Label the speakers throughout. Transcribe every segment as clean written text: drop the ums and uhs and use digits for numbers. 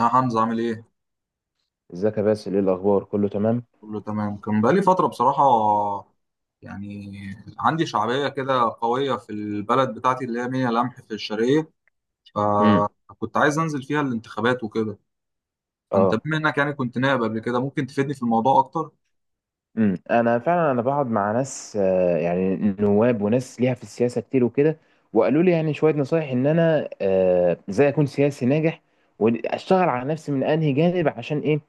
Speaker 1: يا حمزة عامل ايه؟
Speaker 2: ازيك يا باسل، ايه الاخبار؟ كله تمام.
Speaker 1: كله تمام، كان بقالي فترة بصراحة، يعني عندي شعبية كده قوية في البلد بتاعتي اللي هي ميا لمح في الشرقية،
Speaker 2: امم.
Speaker 1: فكنت عايز انزل فيها الانتخابات وكده. فانت
Speaker 2: اه.
Speaker 1: بما انك يعني كنت نائب قبل كده، ممكن تفيدني في الموضوع اكتر؟
Speaker 2: امم. فعلا انا بقعد مع ناس، يعني نواب وناس ليها في السياسه كتير وكده. وقالوا لي يعني شويه نصايح ان انا ازاي اكون سياسي ناجح، واشتغل على نفسي من انهي جانب، عشان ايه؟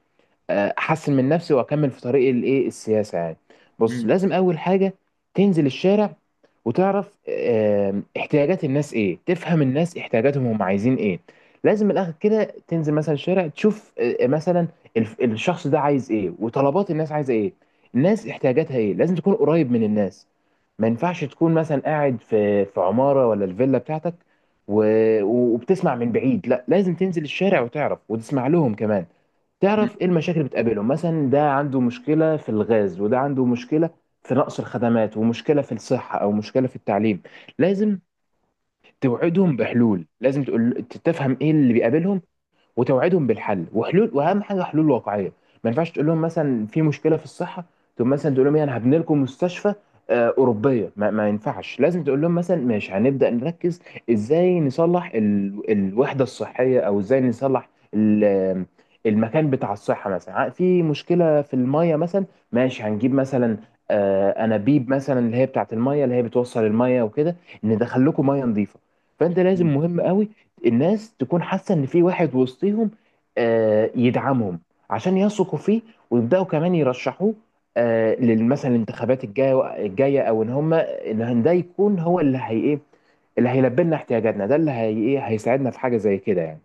Speaker 2: احسن من نفسي واكمل في طريق الايه السياسه يعني. بص،
Speaker 1: مم.
Speaker 2: لازم اول حاجه تنزل الشارع وتعرف احتياجات الناس ايه، تفهم الناس احتياجاتهم، هم عايزين ايه. لازم من الاخر كده تنزل مثلا الشارع، تشوف مثلا الشخص ده عايز ايه وطلبات الناس عايزه ايه، الناس احتياجاتها ايه. لازم تكون قريب من الناس، ما ينفعش تكون مثلا قاعد في عمارة ولا الفيلا بتاعتك و... وبتسمع من بعيد. لا لازم تنزل الشارع وتعرف وتسمع لهم كمان، تعرف ايه المشاكل اللي بتقابلهم. مثلا ده عنده مشكله في الغاز وده عنده مشكله في نقص الخدمات، ومشكله في الصحه او مشكله في التعليم. لازم توعدهم بحلول، لازم تقول تفهم ايه اللي بيقابلهم وتوعدهم بالحل وحلول، واهم حاجه حلول واقعيه. ما ينفعش تقول لهم مثلا في مشكله في الصحه تقوم مثلا تقول لهم ايه، انا هبني لكم مستشفى اوروبيه. ما ينفعش، لازم تقول لهم مثلا ماشي هنبدا نركز ازاي نصلح الوحده الصحيه، او ازاي نصلح ال... المكان بتاع الصحه. مثلا في مشكله في الميه مثلا، ماشي هنجيب مثلا انابيب مثلا، اللي هي بتاعت الميه، اللي هي بتوصل الميه وكده، ندخل لكم ميه نظيفه. فانت لازم،
Speaker 1: مم.
Speaker 2: مهم قوي الناس تكون حاسه ان في واحد وسطيهم يدعمهم عشان يثقوا فيه، ويبداوا كمان يرشحوه مثلا الانتخابات الجايه، او ان هم ان هن- ده يكون هو اللي هي ايه، اللي هيلبي لنا احتياجاتنا، ده اللي هي ايه هيساعدنا في حاجه زي كده يعني.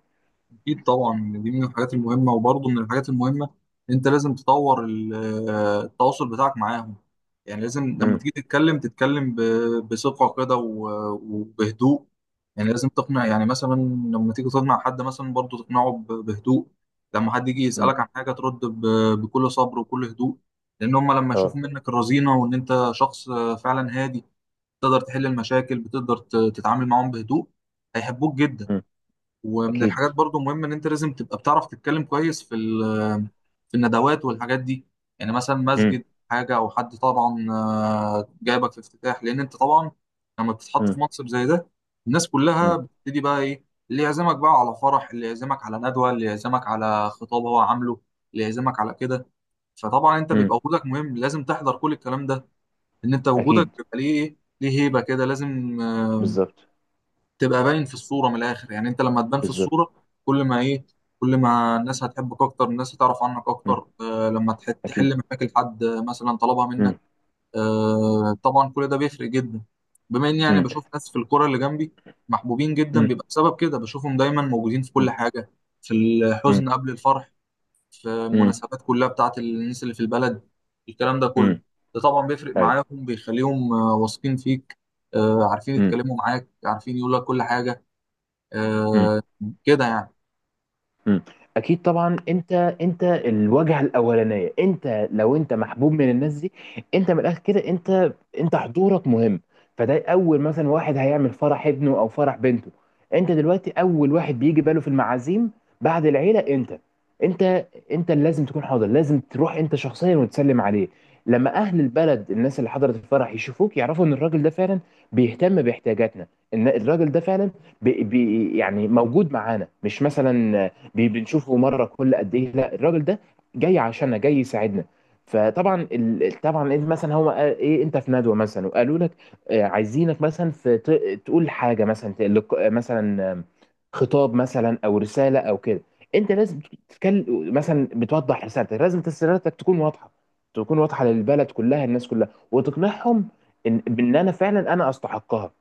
Speaker 1: اكيد طبعا، دي من الحاجات المهمه. وبرضه من الحاجات المهمه، انت لازم تطور التواصل بتاعك معاهم. يعني لازم لما
Speaker 2: امم.
Speaker 1: تيجي تتكلم، تتكلم بثقه كده وبهدوء. يعني لازم تقنع، يعني مثلا لما تيجي تقنع حد مثلا، برضه تقنعه بهدوء. لما حد يجي
Speaker 2: امم.
Speaker 1: يسالك عن حاجه، ترد بكل صبر وكل هدوء، لان هم لما يشوفوا
Speaker 2: اه.
Speaker 1: منك الرزينه وان انت شخص فعلا هادي، تقدر تحل المشاكل، بتقدر تتعامل معاهم بهدوء، هيحبوك جدا.
Speaker 2: امم.
Speaker 1: ومن
Speaker 2: اكيد.
Speaker 1: الحاجات برضو مهمة ان انت لازم تبقى بتعرف تتكلم كويس في الندوات والحاجات دي. يعني مثلا
Speaker 2: امم.
Speaker 1: مسجد، حاجة، او حد طبعا جايبك في افتتاح، لان انت طبعا لما بتتحط في
Speaker 2: امم.
Speaker 1: منصب زي ده، الناس كلها
Speaker 2: امم.
Speaker 1: بتبتدي بقى ايه، اللي يعزمك بقى على فرح، اللي يعزمك على ندوة، اللي يعزمك على خطاب هو عامله، اللي يعزمك على كده. فطبعا انت
Speaker 2: امم.
Speaker 1: بيبقى وجودك مهم، لازم تحضر كل الكلام ده، ان انت وجودك
Speaker 2: اكيد.
Speaker 1: بيبقى ليه ايه، ليه هيبة كده. لازم
Speaker 2: بالظبط.
Speaker 1: تبقى باين في الصورة، من الآخر يعني، أنت لما تبان في
Speaker 2: بالظبط.
Speaker 1: الصورة، كل ما إيه، كل ما الناس هتحبك أكتر، الناس هتعرف عنك
Speaker 2: امم.
Speaker 1: أكتر. آه، لما
Speaker 2: اكيد.
Speaker 1: تحل مشاكل حد مثلا طلبها منك.
Speaker 2: امم.
Speaker 1: آه طبعا، كل ده بيفرق جدا. بما إني يعني
Speaker 2: امم.
Speaker 1: بشوف ناس في الكرة اللي جنبي محبوبين جدا،
Speaker 2: امم.
Speaker 1: بيبقى بسبب كده، بشوفهم دايما موجودين في كل حاجة، في
Speaker 2: امم.
Speaker 1: الحزن قبل الفرح، في
Speaker 2: امم.
Speaker 1: المناسبات كلها بتاعت الناس اللي في البلد، الكلام ده كله،
Speaker 2: امم.
Speaker 1: ده طبعا بيفرق
Speaker 2: ايوه.
Speaker 1: معاهم، بيخليهم واثقين فيك، عارفين يتكلموا معاك، عارفين يقول لك كل حاجة.
Speaker 2: امم.
Speaker 1: آه، كده يعني.
Speaker 2: مم. اكيد طبعا، انت الواجهه الاولانيه، انت لو انت محبوب من الناس دي، انت من الاخر كده انت حضورك مهم. فده اول مثلا واحد هيعمل فرح ابنه او فرح بنته، انت دلوقتي اول واحد بيجي باله في المعازيم بعد العيله. انت انت انت اللي لازم تكون حاضر، لازم تروح انت شخصيا وتسلم عليه. لما اهل البلد، الناس اللي حضرت الفرح يشوفوك، يعرفوا ان الراجل ده فعلا بيهتم باحتياجاتنا، ان الراجل ده فعلا بي بي يعني موجود معانا، مش مثلا بنشوفه مره كل قد ايه. لا الراجل ده جاي عشاننا، جاي يساعدنا. فطبعا طبعا انت مثلا هو قال ايه انت في ندوه مثلا وقالوا لك عايزينك مثلا في تقول حاجه مثلا تقلق... آه، مثلا خطاب مثلا او رساله او كده. انت لازم تتكلم مثلا، بتوضح رسالتك، لازم رسالتك تكون واضحه، تكون واضحه للبلد كلها، الناس كلها، وتقنعهم ان بان انا فعلا انا استحقها.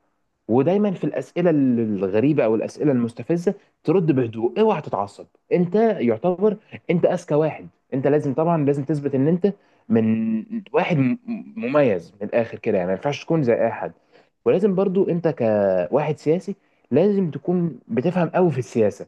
Speaker 2: ودايما في الاسئله الغريبه او الاسئله المستفزه ترد بهدوء، اوعى تتعصب. انت يعتبر انت اذكى واحد، انت لازم طبعا لازم تثبت ان انت من واحد مميز من الاخر كده يعني، ما ينفعش تكون زي اي حد. ولازم برضو انت كواحد سياسي لازم تكون بتفهم قوي في السياسة.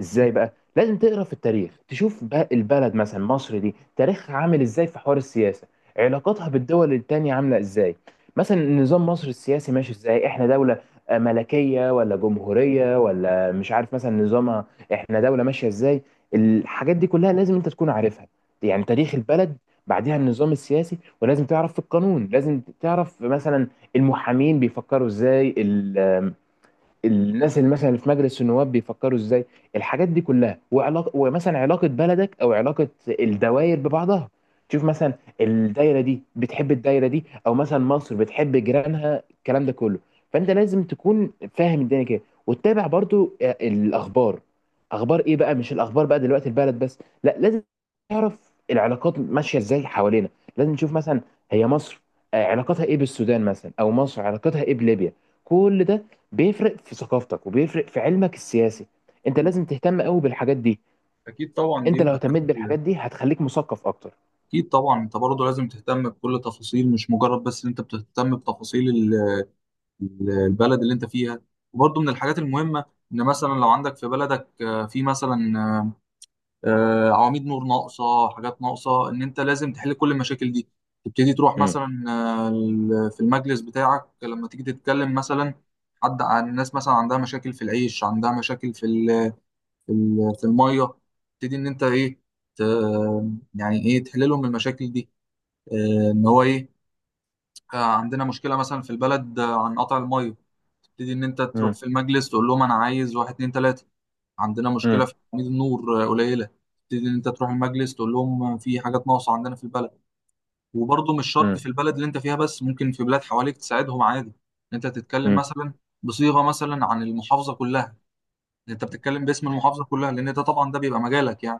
Speaker 2: ازاي بقى؟ لازم تقرا في التاريخ، تشوف بقى البلد مثلا مصر دي تاريخها عامل ازاي في حوار السياسه، علاقاتها بالدول التانية عامله ازاي، مثلا نظام مصر السياسي ماشي ازاي، احنا دوله ملكيه ولا جمهوريه، ولا مش عارف مثلا نظامها، احنا دوله ماشيه ازاي. الحاجات دي كلها لازم انت تكون عارفها، يعني تاريخ البلد، بعدها النظام السياسي. ولازم تعرف في القانون، لازم تعرف مثلا المحامين بيفكروا ازاي، الناس اللي مثلا في مجلس النواب بيفكروا ازاي، الحاجات دي كلها، وعلاقه ومثلا علاقه بلدك او علاقه الدوائر ببعضها. تشوف مثلا الدايره دي بتحب الدايره دي، او مثلا مصر بتحب جيرانها، الكلام ده كله. فانت لازم تكون فاهم الدنيا كده، وتتابع برضو الاخبار. اخبار ايه بقى؟ مش الاخبار بقى دلوقتي البلد بس، لا لازم تعرف العلاقات ماشيه ازاي حوالينا. لازم نشوف مثلا هي مصر علاقتها ايه بالسودان مثلا، او مصر علاقتها ايه بليبيا. كل ده بيفرق في ثقافتك وبيفرق في علمك السياسي، انت لازم تهتم قوي بالحاجات دي.
Speaker 1: اكيد طبعا، دي
Speaker 2: انت
Speaker 1: من
Speaker 2: لو اهتميت بالحاجات
Speaker 1: الحاجات.
Speaker 2: دي هتخليك مثقف اكتر.
Speaker 1: اكيد طبعا انت برضه لازم تهتم بكل تفاصيل، مش مجرد بس ان انت بتهتم بتفاصيل البلد اللي انت فيها. وبرضه من الحاجات المهمه، ان مثلا لو عندك في بلدك آه، في مثلا آه، آه، عواميد نور ناقصه، حاجات ناقصه، ان انت لازم تحل كل المشاكل دي. تبتدي تروح
Speaker 2: مم.
Speaker 1: مثلا في المجلس بتاعك، لما تيجي تتكلم مثلا حد عن الناس مثلا عندها مشاكل في العيش، عندها مشاكل في الميه، تبتدي ان انت ايه، ت- يعني ايه، تحل لهم المشاكل دي. ان هو ايه، عندنا مشكله مثلا في البلد عن قطع الميه، تبتدي ان انت تروح
Speaker 2: مم.
Speaker 1: في المجلس تقول لهم انا عايز واحد اتنين تلاته. عندنا مشكله
Speaker 2: مم.
Speaker 1: في تأمين النور قليله، تبتدي ان انت تروح المجلس تقول لهم في حاجات ناقصه عندنا في البلد. وبرضه مش شرط
Speaker 2: مم.
Speaker 1: في البلد اللي انت فيها بس، ممكن في بلاد حواليك تساعدهم عادي، ان انت تتكلم
Speaker 2: مم.
Speaker 1: مثلا بصيغه مثلا عن المحافظه كلها، إن انت بتتكلم باسم المحافظه كلها، لان ده طبعا ده بيبقى مجالك يعني،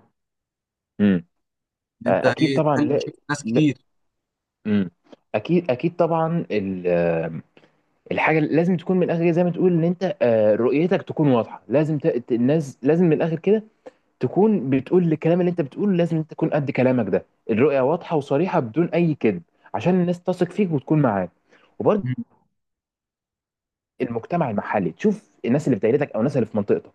Speaker 2: مم.
Speaker 1: ان انت
Speaker 2: آه، اكيد
Speaker 1: ايه
Speaker 2: طبعا.
Speaker 1: تحل
Speaker 2: لا,
Speaker 1: مشاكل ناس
Speaker 2: لا.
Speaker 1: كتير.
Speaker 2: مم. اكيد، اكيد طبعا الحاجه اللي لازم تكون من الاخر زي ما تقول ان انت رؤيتك تكون واضحه، لازم الناس لازم من الاخر كده تكون بتقول الكلام اللي انت بتقوله، لازم انت تكون قد كلامك ده، الرؤيه واضحه وصريحه بدون اي كذب، عشان الناس تثق فيك وتكون معاك. وبرضه
Speaker 1: مم.
Speaker 2: المجتمع المحلي، تشوف الناس اللي في دايرتك او الناس اللي في منطقتك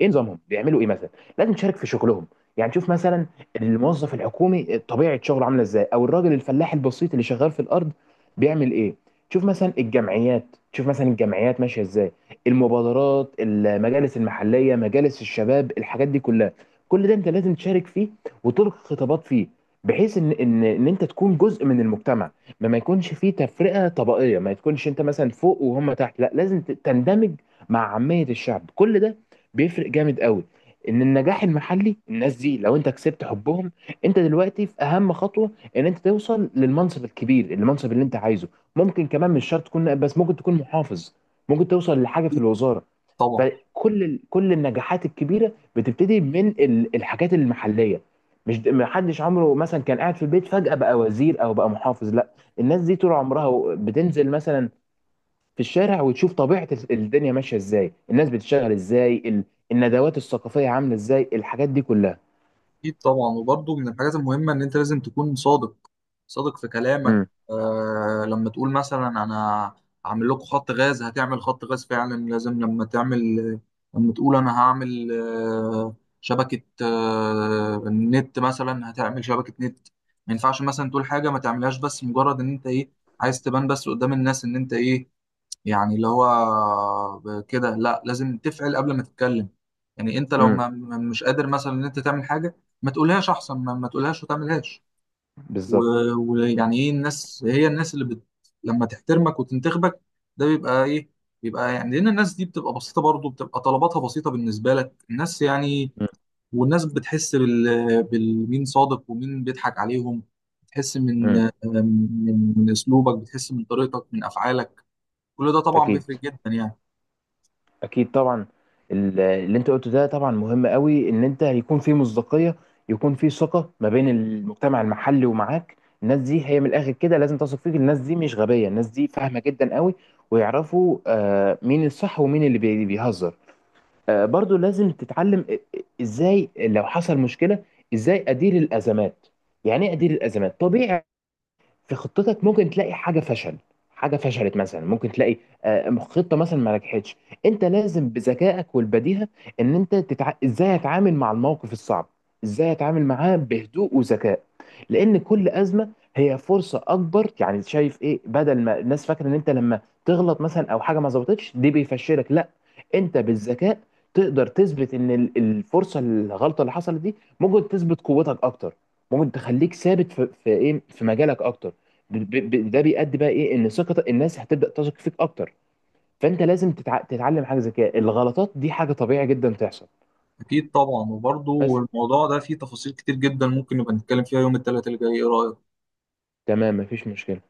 Speaker 2: ايه نظامهم، بيعملوا ايه مثلا، لازم تشارك في شغلهم. يعني تشوف مثلا الموظف الحكومي طبيعه شغله عامله ازاي، او الراجل الفلاح البسيط اللي شغال في الارض بيعمل ايه. تشوف مثلا الجمعيات، تشوف مثلا الجمعيات ماشيه ازاي، المبادرات، المجالس المحليه، مجالس الشباب، الحاجات دي كلها، كل ده انت لازم تشارك فيه وتلقي خطابات فيه، بحيث ان انت تكون جزء من المجتمع، ما يكونش فيه تفرقة طبقية، ما تكونش انت مثلا فوق وهم تحت. لا لازم تندمج مع عامية الشعب. كل ده بيفرق جامد قوي، ان النجاح المحلي الناس دي لو انت كسبت حبهم، انت دلوقتي في اهم خطوة ان انت توصل للمنصب الكبير، المنصب اللي انت عايزه. ممكن كمان مش شرط تكون نائب بس، ممكن تكون محافظ، ممكن توصل لحاجة في
Speaker 1: اكيد
Speaker 2: الوزارة.
Speaker 1: طبعا.
Speaker 2: فكل كل النجاحات الكبيرة بتبتدي من الحاجات المحلية، مش ما حدش عمره مثلا كان قاعد في البيت فجأة بقى وزير او بقى محافظ. لا الناس دي طول عمرها بتنزل مثلا في الشارع وتشوف طبيعة الدنيا ماشية ازاي، الناس بتشتغل ازاي، الندوات الثقافية عاملة ازاي، الحاجات دي كلها.
Speaker 1: اكيد طبعا، وبرضه من الحاجات المهمه ان انت لازم تكون صادق، صادق في كلامك.
Speaker 2: امم.
Speaker 1: آه، لما تقول مثلا انا هعمل لكم خط غاز، هتعمل خط غاز فعلا. لازم لما تعمل، لما تقول انا هعمل آه شبكه آه النت مثلا، هتعمل شبكه نت. ما ينفعش مثلا تقول حاجه ما تعملهاش، بس مجرد ان انت ايه عايز تبان بس قدام الناس ان انت ايه، يعني اللي هو كده. لا، لازم تفعل قبل ما تتكلم. يعني انت لو
Speaker 2: امم.
Speaker 1: مش قادر مثلا ان انت تعمل حاجه، ما تقولهاش، احسن ما تقولهاش وتعملهاش.
Speaker 2: بالظبط.
Speaker 1: ويعني ايه، الناس، هي الناس اللي بت لما تحترمك وتنتخبك، ده بيبقى ايه، بيبقى يعني لان الناس دي بتبقى بسيطه، برضه بتبقى طلباتها بسيطه بالنسبه لك، الناس يعني.
Speaker 2: امم.
Speaker 1: والناس بتحس بال... بالمين صادق ومين بيضحك عليهم، بتحس من
Speaker 2: امم.
Speaker 1: من اسلوبك، بتحس من طريقتك، من افعالك، كل ده طبعا
Speaker 2: اكيد،
Speaker 1: بيفرق جدا يعني.
Speaker 2: اكيد طبعا اللي انت قلته ده طبعا مهم قوي، ان انت يكون في مصداقية، يكون في ثقة ما بين المجتمع المحلي ومعاك. الناس دي هي من الاخر كده لازم تثق فيك، الناس دي مش غبية، الناس دي فاهمة جدا قوي، ويعرفوا مين الصح ومين اللي بيهزر. برضو لازم تتعلم ازاي لو حصل مشكلة، ازاي ادير الازمات، يعني ايه ادير الازمات. طبيعي في خطتك ممكن تلاقي حاجه فشل، حاجه فشلت مثلا، ممكن تلاقي خطه مثلا ما نجحتش. انت لازم بذكائك والبديهه ان انت ازاي اتعامل مع الموقف الصعب، ازاي اتعامل معاه بهدوء وذكاء. لان كل ازمه هي فرصه اكبر يعني، شايف ايه؟ بدل ما الناس فاكره ان انت لما تغلط مثلا او حاجه ما ظبطتش دي بيفشلك، لا انت بالذكاء تقدر تثبت ان الفرصه الغلطه اللي حصلت دي ممكن تثبت قوتك اكتر، ممكن تخليك ثابت في ايه في مجالك اكتر. ده بيؤدي بقى ايه، ان ثقه الناس هتبدا تثق فيك اكتر. فانت لازم تتعلم حاجه زي كده، الغلطات دي حاجه طبيعي جدا تحصل.
Speaker 1: اكيد طبعا، وبرضه
Speaker 2: بس
Speaker 1: الموضوع ده فيه تفاصيل كتير جدا، ممكن نبقى نتكلم فيها يوم الثلاثاء اللي جاي، ايه رايك؟
Speaker 2: تمام، مفيش مشكله.